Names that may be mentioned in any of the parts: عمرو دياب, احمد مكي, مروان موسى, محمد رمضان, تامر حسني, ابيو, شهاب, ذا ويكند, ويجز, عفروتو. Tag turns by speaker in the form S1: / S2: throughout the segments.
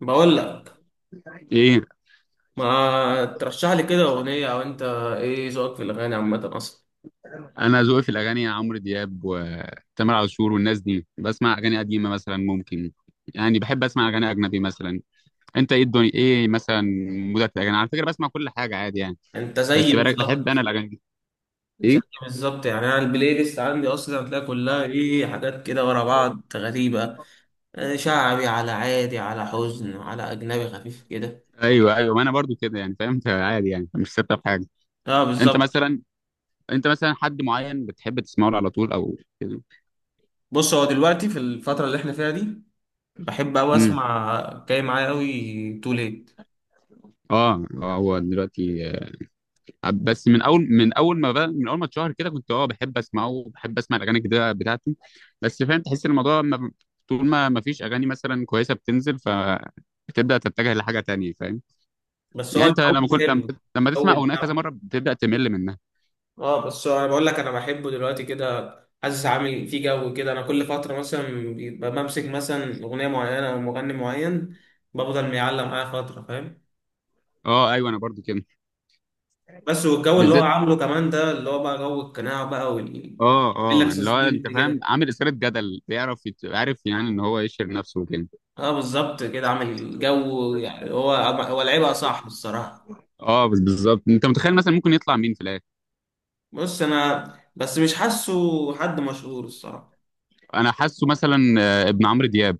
S1: بقول لك،
S2: ايه.
S1: ما ترشح لي كده اغنيه؟ او انت ايه ذوقك في الاغاني عامه اصلا؟
S2: انا ذوقي في الاغاني عمرو دياب وتامر عاشور والناس دي، بسمع اغاني قديمه مثلا، ممكن يعني بحب اسمع اغاني اجنبي مثلا. انت ايه؟ الدنيا ايه مثلا؟ مودك في الاغاني؟ على فكره بسمع كل حاجه عادي يعني.
S1: انت زيي
S2: بس بحب انا
S1: بالظبط.
S2: الاغاني دي.
S1: زيي
S2: ايه.
S1: بالظبط يعني انا البلاي ليست عندي اصلا، هتلاقي كلها ايه، حاجات كده ورا بعض غريبه. شعبي، على عادي، على حزن، على اجنبي خفيف كده.
S2: ايوه ايوه، ما انا برضو كده يعني، فهمت عادي يعني، مش ثابته في حاجه.
S1: اه
S2: انت
S1: بالظبط.
S2: مثلا، حد معين بتحب تسمعه على طول او كده؟
S1: بص هو دلوقتي في الفتره اللي احنا فيها دي، بحب قوي
S2: امم
S1: اسمع جاي معايا قوي تو ليت.
S2: هو دلوقتي. بس من اول ما اتشهر كده كنت بحب اسمعه، وبحب اسمع الاغاني الجديده بتاعته. بس فاهم، تحس الموضوع، ما طول ما فيش اغاني مثلا كويسه بتنزل، ف بتبدا تتجه لحاجه تانية، فاهم.
S1: بس هو
S2: يعني انت
S1: الجو
S2: لما كنت،
S1: حلو،
S2: لما تسمع
S1: الجو
S2: اغنيه كذا
S1: بتاعه.
S2: مره بتبدا تمل منها.
S1: اه بس انا بقول لك انا بحبه دلوقتي كده. حاسس عامل فيه جو كده. انا كل فتره مثلا بيبقى بمسك مثلا اغنيه معينه او مغني معين، بفضل معلق معايا فتره فاهم.
S2: اه ايوه انا برضو كده.
S1: بس والجو اللي هو
S2: بالذات.
S1: عامله كمان ده اللي هو بقى جو القناع بقى وال...
S2: اه
S1: يقول لك
S2: اه، اللي هو
S1: سسبنس
S2: انت فاهم،
S1: كده.
S2: عامل اثاره جدل، بيعرف عارف يعني ان هو يشهر نفسه وكده.
S1: اه بالظبط كده، عامل جو. يعني هو لعيبه صح الصراحه.
S2: اه بس بالظبط، انت متخيل مثلا ممكن يطلع مين في الاخر؟
S1: بص انا، بس مش حاسه حد مشهور الصراحه.
S2: انا حاسه مثلا ابن عمرو دياب.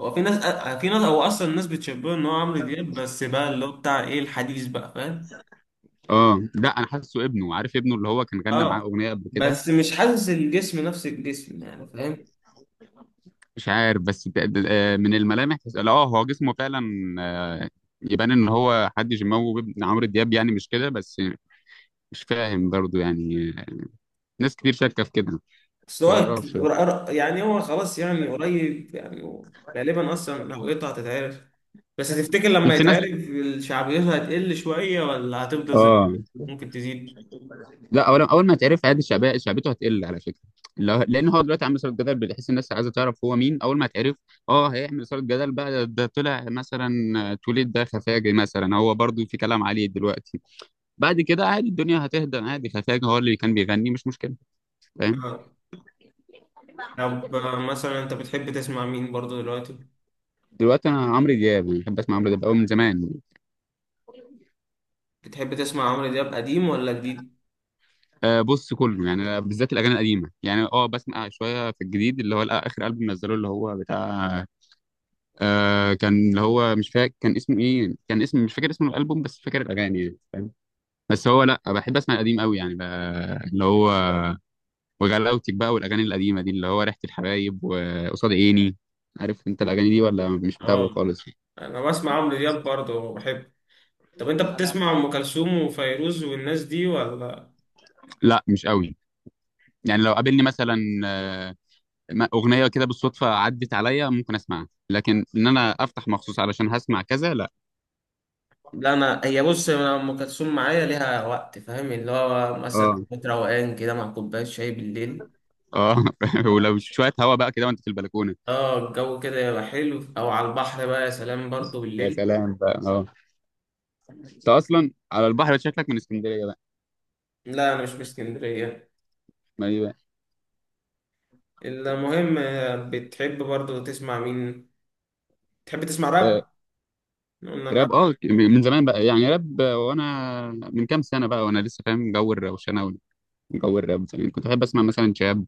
S1: هو في ناس، هو اصلا الناس بتشبهه ان هو عمرو دياب، بس بقى اللي هو بتاع ايه الحديث بقى فاهم.
S2: اه لا، انا حاسه ابنه، عارف ابنه اللي هو كان غنى معاه
S1: اه
S2: اغنيه قبل كده.
S1: بس مش حاسس الجسم، نفس الجسم يعني فاهم.
S2: مش عارف، بس من الملامح لا اه هو جسمه فعلا. آه، يبان ان هو حد جيماوي وابن عمرو دياب، يعني مش كده بس. مش فاهم برضه يعني. ناس كتير شاكه في كده.
S1: بس هو
S2: متعرفش.
S1: يعني هو خلاص، يعني قريب، يعني هو غالبا اصلا هويته هتتعرف. بس تفتكر لما
S2: شفت ناس.
S1: يتعرف شعبيته هتقل شوية ولا هتفضل زي ما هي؟
S2: اه
S1: ممكن تزيد.
S2: لا، اول اول ما تعرف عادي، شعبيته هتقل على فكره. لان هو دلوقتي عامل صوره جدل، بتحس الناس عايزه تعرف هو مين. اول ما تعرف اه هيعمل صوره جدل بقى. ده طلع مثلا توليد. ده خفاجي مثلا، هو برضه في كلام عليه دلوقتي. بعد كده عادي الدنيا هتهدى عادي. خفاجة هو اللي كان بيغني، مش مشكلة. فاهم.
S1: آه. طب، مثلا انت بتحب تسمع مين برضو دلوقتي؟
S2: دلوقتي انا عمرو دياب، يعني بحب اسمع عمرو دياب قوي من زمان.
S1: بتحب تسمع عمرو دياب قديم ولا جديد؟
S2: أه بص، كله يعني، بالذات الاغاني القديمه يعني. اه بسمع شويه في الجديد، اللي هو اخر البوم نزله، اللي هو بتاع. كان اللي هو مش فاكر كان اسمه ايه. كان اسم، مش فاكر اسم الالبوم، بس فاكر الاغاني يعني، فاهم. بس هو لا، بحب اسمع القديم قوي يعني، اللي هو وغلاوتك بقى، والاغاني القديمه دي، اللي هو ريحه الحبايب وقصاد عيني. عارف انت الاغاني دي، ولا مش متابعه
S1: اه
S2: خالص؟
S1: انا بسمع عمرو دياب برضو بحب. طب انت بتسمع ام كلثوم وفيروز والناس دي ولا؟
S2: لا مش قوي. يعني لو قابلني مثلا آه، اغنيه كده بالصدفه عدت عليا، ممكن اسمعها. لكن ان انا افتح مخصوص علشان هسمع، كذا لا.
S1: لا انا هي بص، انا ام كلثوم معايا ليها وقت فاهم، اللي هو مثلا
S2: اه.
S1: حفلة روقان كده مع كوبايه شاي بالليل.
S2: اه ولو شويه هوا بقى كده وانت في البلكونه.
S1: اه الجو كده يبقى حلو، او على البحر بقى يا سلام برضو
S2: يا
S1: بالليل.
S2: سلام بقى، اه. انت اصلا على البحر، شكلك من اسكندريه بقى.
S1: لا انا مش من اسكندريه.
S2: ما ايه بقى.
S1: المهم، بتحب برضو تسمع مين؟ تحب تسمع
S2: آه،
S1: راب؟ إحنا قلنا
S2: راب،
S1: الراب.
S2: من زمان بقى يعني، راب. وانا من كام سنه بقى وانا لسه فاهم جو الروشنه وجو الراب. زمان كنت بحب اسمع مثلا شهاب،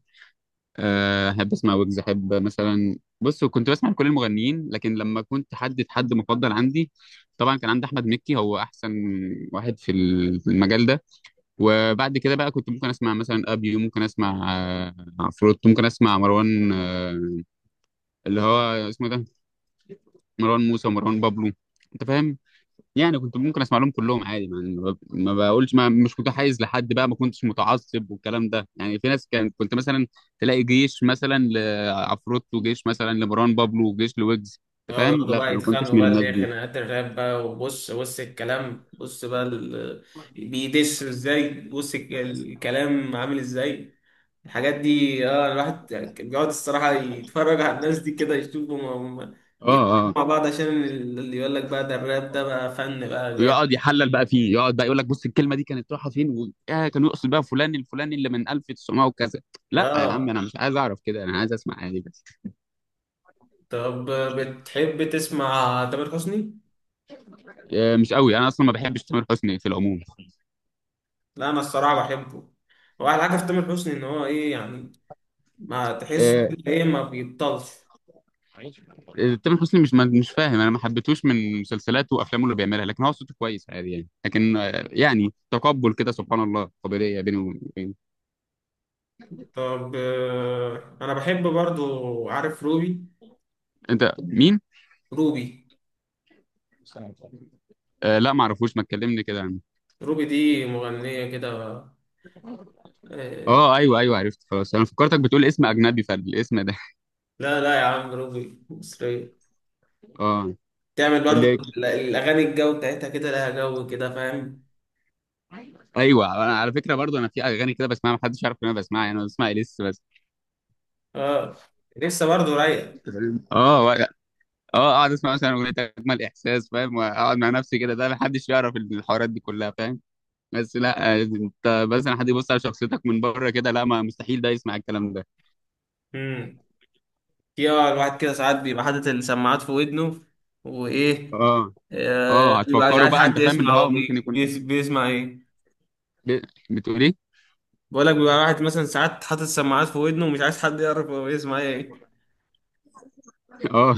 S2: احب اسمع ويجز، احب مثلا. بص كنت بسمع لكل المغنيين، لكن لما كنت حدد حد مفضل عندي، طبعا كان عندي احمد مكي هو احسن واحد في في المجال ده. وبعد كده بقى كنت ممكن اسمع مثلا ابيو، ممكن اسمع عفروتو، ممكن اسمع مروان، اللي هو اسمه إيه ده، مروان موسى ومروان بابلو، انت فاهم. يعني كنت ممكن اسمع لهم كلهم عادي يعني، ما بقولش، ما مش متحيز لحد بقى، ما كنتش متعصب والكلام ده يعني. في ناس كان كنت مثلا تلاقي جيش مثلا لعفروتو، وجيش مثلا لمروان بابلو، وجيش لويجز، انت
S1: اه
S2: فاهم.
S1: يقعدوا
S2: لا
S1: بقى
S2: انا ما كنتش
S1: يتخانقوا
S2: من
S1: بقى، اللي
S2: الناس
S1: هي
S2: دي.
S1: خناقات الراب بقى، وبص بص الكلام، بص بقى ال... بيدس ازاي، بص الكلام عامل ازاي. الحاجات دي، اه الواحد كان بيقعد الصراحة يتفرج على الناس دي كده، يشوفهم هم
S2: اه
S1: بيتكلموا
S2: اه،
S1: مع بعض، عشان اللي يقول لك بقى ده الراب ده بقى فن بقى جامد.
S2: ويقعد يحلل بقى فيه، يقعد بقى يقول لك بص الكلمه دي كانت رايحه فين و... آه كان يقصد بقى فلان الفلاني اللي من 1900 وكذا. لا يا عم،
S1: اه.
S2: انا مش عايز اعرف كده، انا عايز اسمع عادي بس.
S1: طب بتحب تسمع تامر حسني؟
S2: آه مش قوي، انا اصلا ما بحبش تامر حسني في العموم.
S1: لا انا الصراحة بحبه. هو احلى حاجة في تامر حسني ان هو ايه يعني، ما تحسه
S2: آه،
S1: كده ايه، ما بيبطلش.
S2: تامر حسني مش فاهم، انا ما حبيتهوش من مسلسلاته وافلامه اللي بيعملها، لكن هو صوته كويس عادي يعني. لكن يعني تقبل كده سبحان الله قابليه بينه وبين.
S1: طب انا بحب برضو، عارف روبي؟
S2: انت مين؟
S1: روبي.
S2: آه لا، ما اعرفوش، ما تكلمني كده عنه.
S1: روبي دي مغنية كده. آه،
S2: اه ايوه ايوه عرفت خلاص. انا فكرتك بتقول اسم اجنبي فالاسم ده.
S1: لا لا يا عم، روبي مصرية.
S2: اه
S1: تعمل برضو
S2: اللي،
S1: الاغاني الجو بتاعتها كده، لها جو كده فاهم.
S2: ايوه، انا على فكره برضو، انا في اغاني كده بسمعها ما حدش يعرف ان انا بسمعها، يعني انا بسمع اليس بس.
S1: اه لسه برضو رايقه.
S2: اه اه، اقعد اسمع مثلا اغنيه اجمل احساس، فاهم، واقعد مع نفسي كده. ده ما حدش يعرف الحوارات دي كلها، فاهم. بس لا انت، مثلا حد يبص على شخصيتك من بره كده، لا، ما مستحيل ده يسمع الكلام ده.
S1: امم يا الواحد كده ساعات بيبقى حاطط السماعات في ودنه وايه،
S2: اه اه،
S1: بيبقى مش
S2: هتفكروا
S1: عارف
S2: بقى انت
S1: حد
S2: فاهم اللي
S1: يسمع هو
S2: هو ممكن يكون،
S1: بيسمع ايه.
S2: ب- بتقول ايه؟
S1: بقول لك بيبقى واحد مثلا ساعات حاطط السماعات في ودنه ومش عايز حد يعرف هو بيسمع ايه
S2: اه.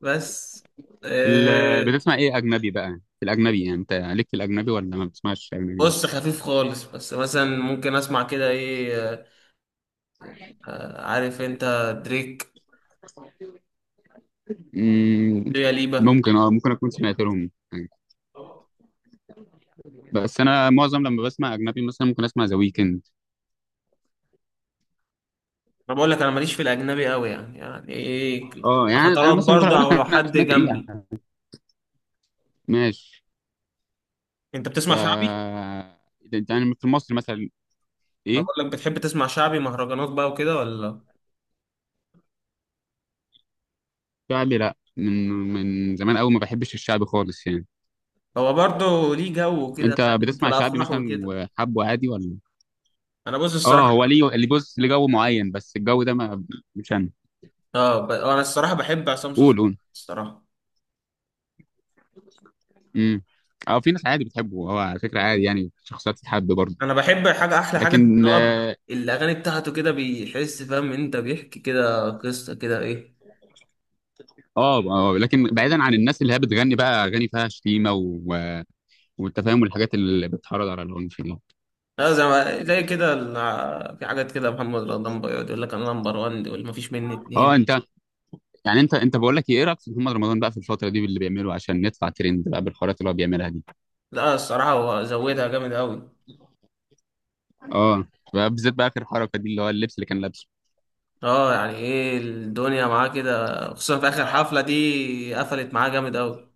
S1: بس. آه،
S2: بتسمع ايه اجنبي بقى؟ في الاجنبي يعني، انت ليك في الاجنبي ولا ما بتسمعش اجنبي؟
S1: بص خفيف خالص، بس مثلا ممكن اسمع كده ايه، عارف انت دريك،
S2: مم،
S1: يا ليبا.
S2: ممكن اكون سمعت لهم حاجة. بس انا معظم لما بسمع اجنبي مثلا ممكن اسمع ذا ويكند.
S1: انا بقول لك انا ماليش في الاجنبي قوي، يعني يعني ايه،
S2: اه يعني انا
S1: فترات
S2: مثلا ممكن
S1: برضه
S2: اقول
S1: او
S2: لك
S1: لو
S2: انا
S1: حد
S2: سمعت ايه
S1: جنبي.
S2: يعني. ماشي.
S1: انت
S2: ف
S1: بتسمع شعبي؟
S2: ده يعني في مصر مثلا.
S1: ما
S2: ايه.
S1: بقول لك بتحب تسمع شعبي مهرجانات بقى وكده ولا؟
S2: شعبي لا، من زمان قوي ما بحبش الشعبي خالص يعني.
S1: هو برضه ليه جو كده
S2: انت
S1: فاهم، في
S2: بتسمع شعبي
S1: الافراح
S2: مثلا
S1: وكده.
S2: وحبه عادي ولا؟
S1: انا بص
S2: اه هو
S1: الصراحه،
S2: ليه، اللي بص ليه جو معين، بس الجو ده ما، مش انا.
S1: اه انا الصراحه بحب عصام
S2: قول
S1: صوصه
S2: قول.
S1: الصراحه.
S2: امم اه في ناس عادي بتحبه، هو على فكره عادي يعني، شخصيات تتحب برضه.
S1: انا بحب حاجه، احلى حاجه ان
S2: لكن
S1: هو الاغاني بتاعته كده بيحس فاهم، انت بيحكي كده قصه كده ايه.
S2: اه اه، لكن بعيدا عن الناس اللي هي بتغني بقى اغاني فيها شتيمه والتفاهم والحاجات اللي بتحرض على العنف دي.
S1: لا زي ما في حاجات كده محمد رمضان بيقعد يقول لك انا نمبر 1 واللي مفيش مني
S2: اه
S1: اتنين.
S2: انت، يعني انت بقول لك ايه رايك في محمد رمضان بقى في الفتره دي باللي بيعمله عشان ندفع ترند بقى بالحوارات اللي هو بيعملها دي؟
S1: لا الصراحة هو زودها جامد أوي.
S2: اه. بقى بالذات بقى اخر حركه دي اللي هو اللبس اللي كان لابسه.
S1: اه يعني ايه الدنيا معاه كده، خصوصا في آخر حفلة دي قفلت معاه جامد أوي.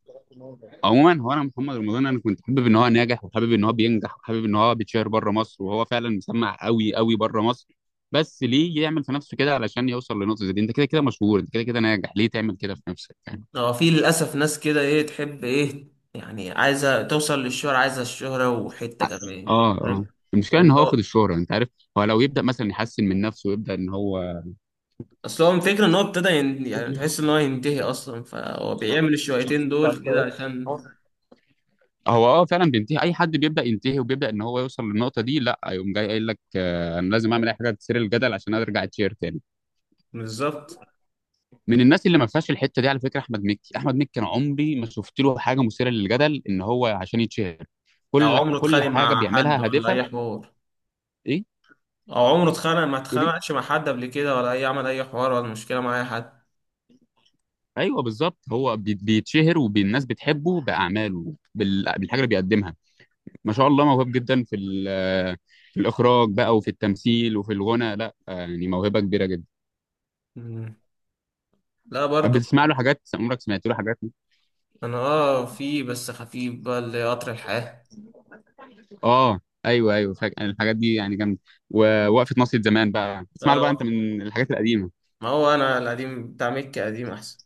S2: عموما هو انا محمد رمضان، انا كنت حابب ان هو ناجح، وحابب ان هو بينجح، وحابب ان هو بيتشهر بره مصر، وهو فعلا مسمع قوي قوي بره مصر. بس ليه يعمل في نفسه كده علشان يوصل لنقطه زي دي، انت كده كده مشهور، انت كده كده ناجح، ليه تعمل كده في نفسك يعني.
S1: اه في للأسف ناس كده ايه تحب ايه، يعني عايزة توصل للشهرة، عايزة الشهرة وحتة كمان
S2: اه اه،
S1: فاهم.
S2: المشكله ان
S1: ان
S2: هو
S1: هو
S2: واخد الشهره، انت عارف. هو لو يبدا مثلا يحسن من نفسه ويبدا ان هو،
S1: اصل هو الفكرة ان هو ابتدى يعني تحس ان هو ينتهي اصلا، فهو بيعمل الشويتين دول كده عشان.
S2: هو فعلا بينتهي، اي حد بيبدا ينتهي وبيبدا ان هو يوصل للنقطه دي لا يقوم جاي قايل لك انا لازم اعمل اي حاجه تثير الجدل عشان ارجع اتشير تاني.
S1: بالظبط.
S2: من الناس اللي ما فيهاش الحته دي على فكره احمد مكي، انا عمري ما شفت له حاجه مثيره للجدل ان هو عشان يتشهر.
S1: او
S2: كل
S1: عمره
S2: كل
S1: اتخانق
S2: حاجه
S1: مع حد
S2: بيعملها
S1: ولا
S2: هادفه.
S1: اي حوار؟
S2: ايه
S1: او عمره اتخانق، ما
S2: تقول ايه.
S1: اتخانقش مع حد قبل كده ولا اي عمل اي حوار ولا مشكلة مع اي حد؟
S2: ايوه بالظبط، هو بيتشهر، والناس بتحبه باعماله، بالحاجه اللي بيقدمها. ما شاء الله موهوب جدا في في الاخراج بقى، وفي التمثيل، وفي الغنى، لا يعني موهبه كبيره جدا.
S1: لا برضو.
S2: بتسمع له حاجات؟ عمرك سمعت له حاجات؟
S1: انا اه في بس خفيف بقى اللي قطر الحياة.
S2: اه ايوه ايوه، الحاجات دي يعني جامده. ووقفه ناصية زمان بقى، بتسمع له بقى انت
S1: آه،
S2: من الحاجات القديمه؟
S1: ما هو انا القديم بتاع مكة قديم احسن.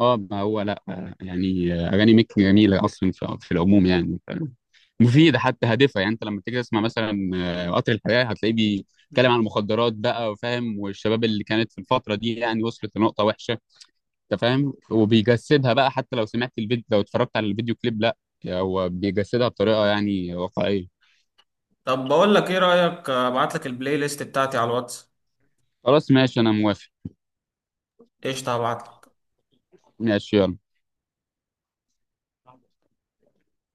S2: اه ما هو لا، يعني اغاني ميك جميله اصلا، في العموم يعني، مفيده حتى، هادفه يعني. انت لما تيجي تسمع مثلا قطر الحياه هتلاقيه بيتكلم عن المخدرات بقى، وفاهم، والشباب اللي كانت في الفتره دي يعني وصلت لنقطه وحشه، انت فاهم. وبيجسدها بقى، حتى لو سمعت الفيديو، لو اتفرجت على الفيديو كليب، لا، هو بيجسدها بطريقه يعني واقعيه.
S1: طب بقول لك ايه رأيك، ابعت لك البلاي ليست بتاعتي على الواتس؟
S2: خلاص ماشي، انا موافق.
S1: قشطة هبعت لك
S2: ماشي، يلا.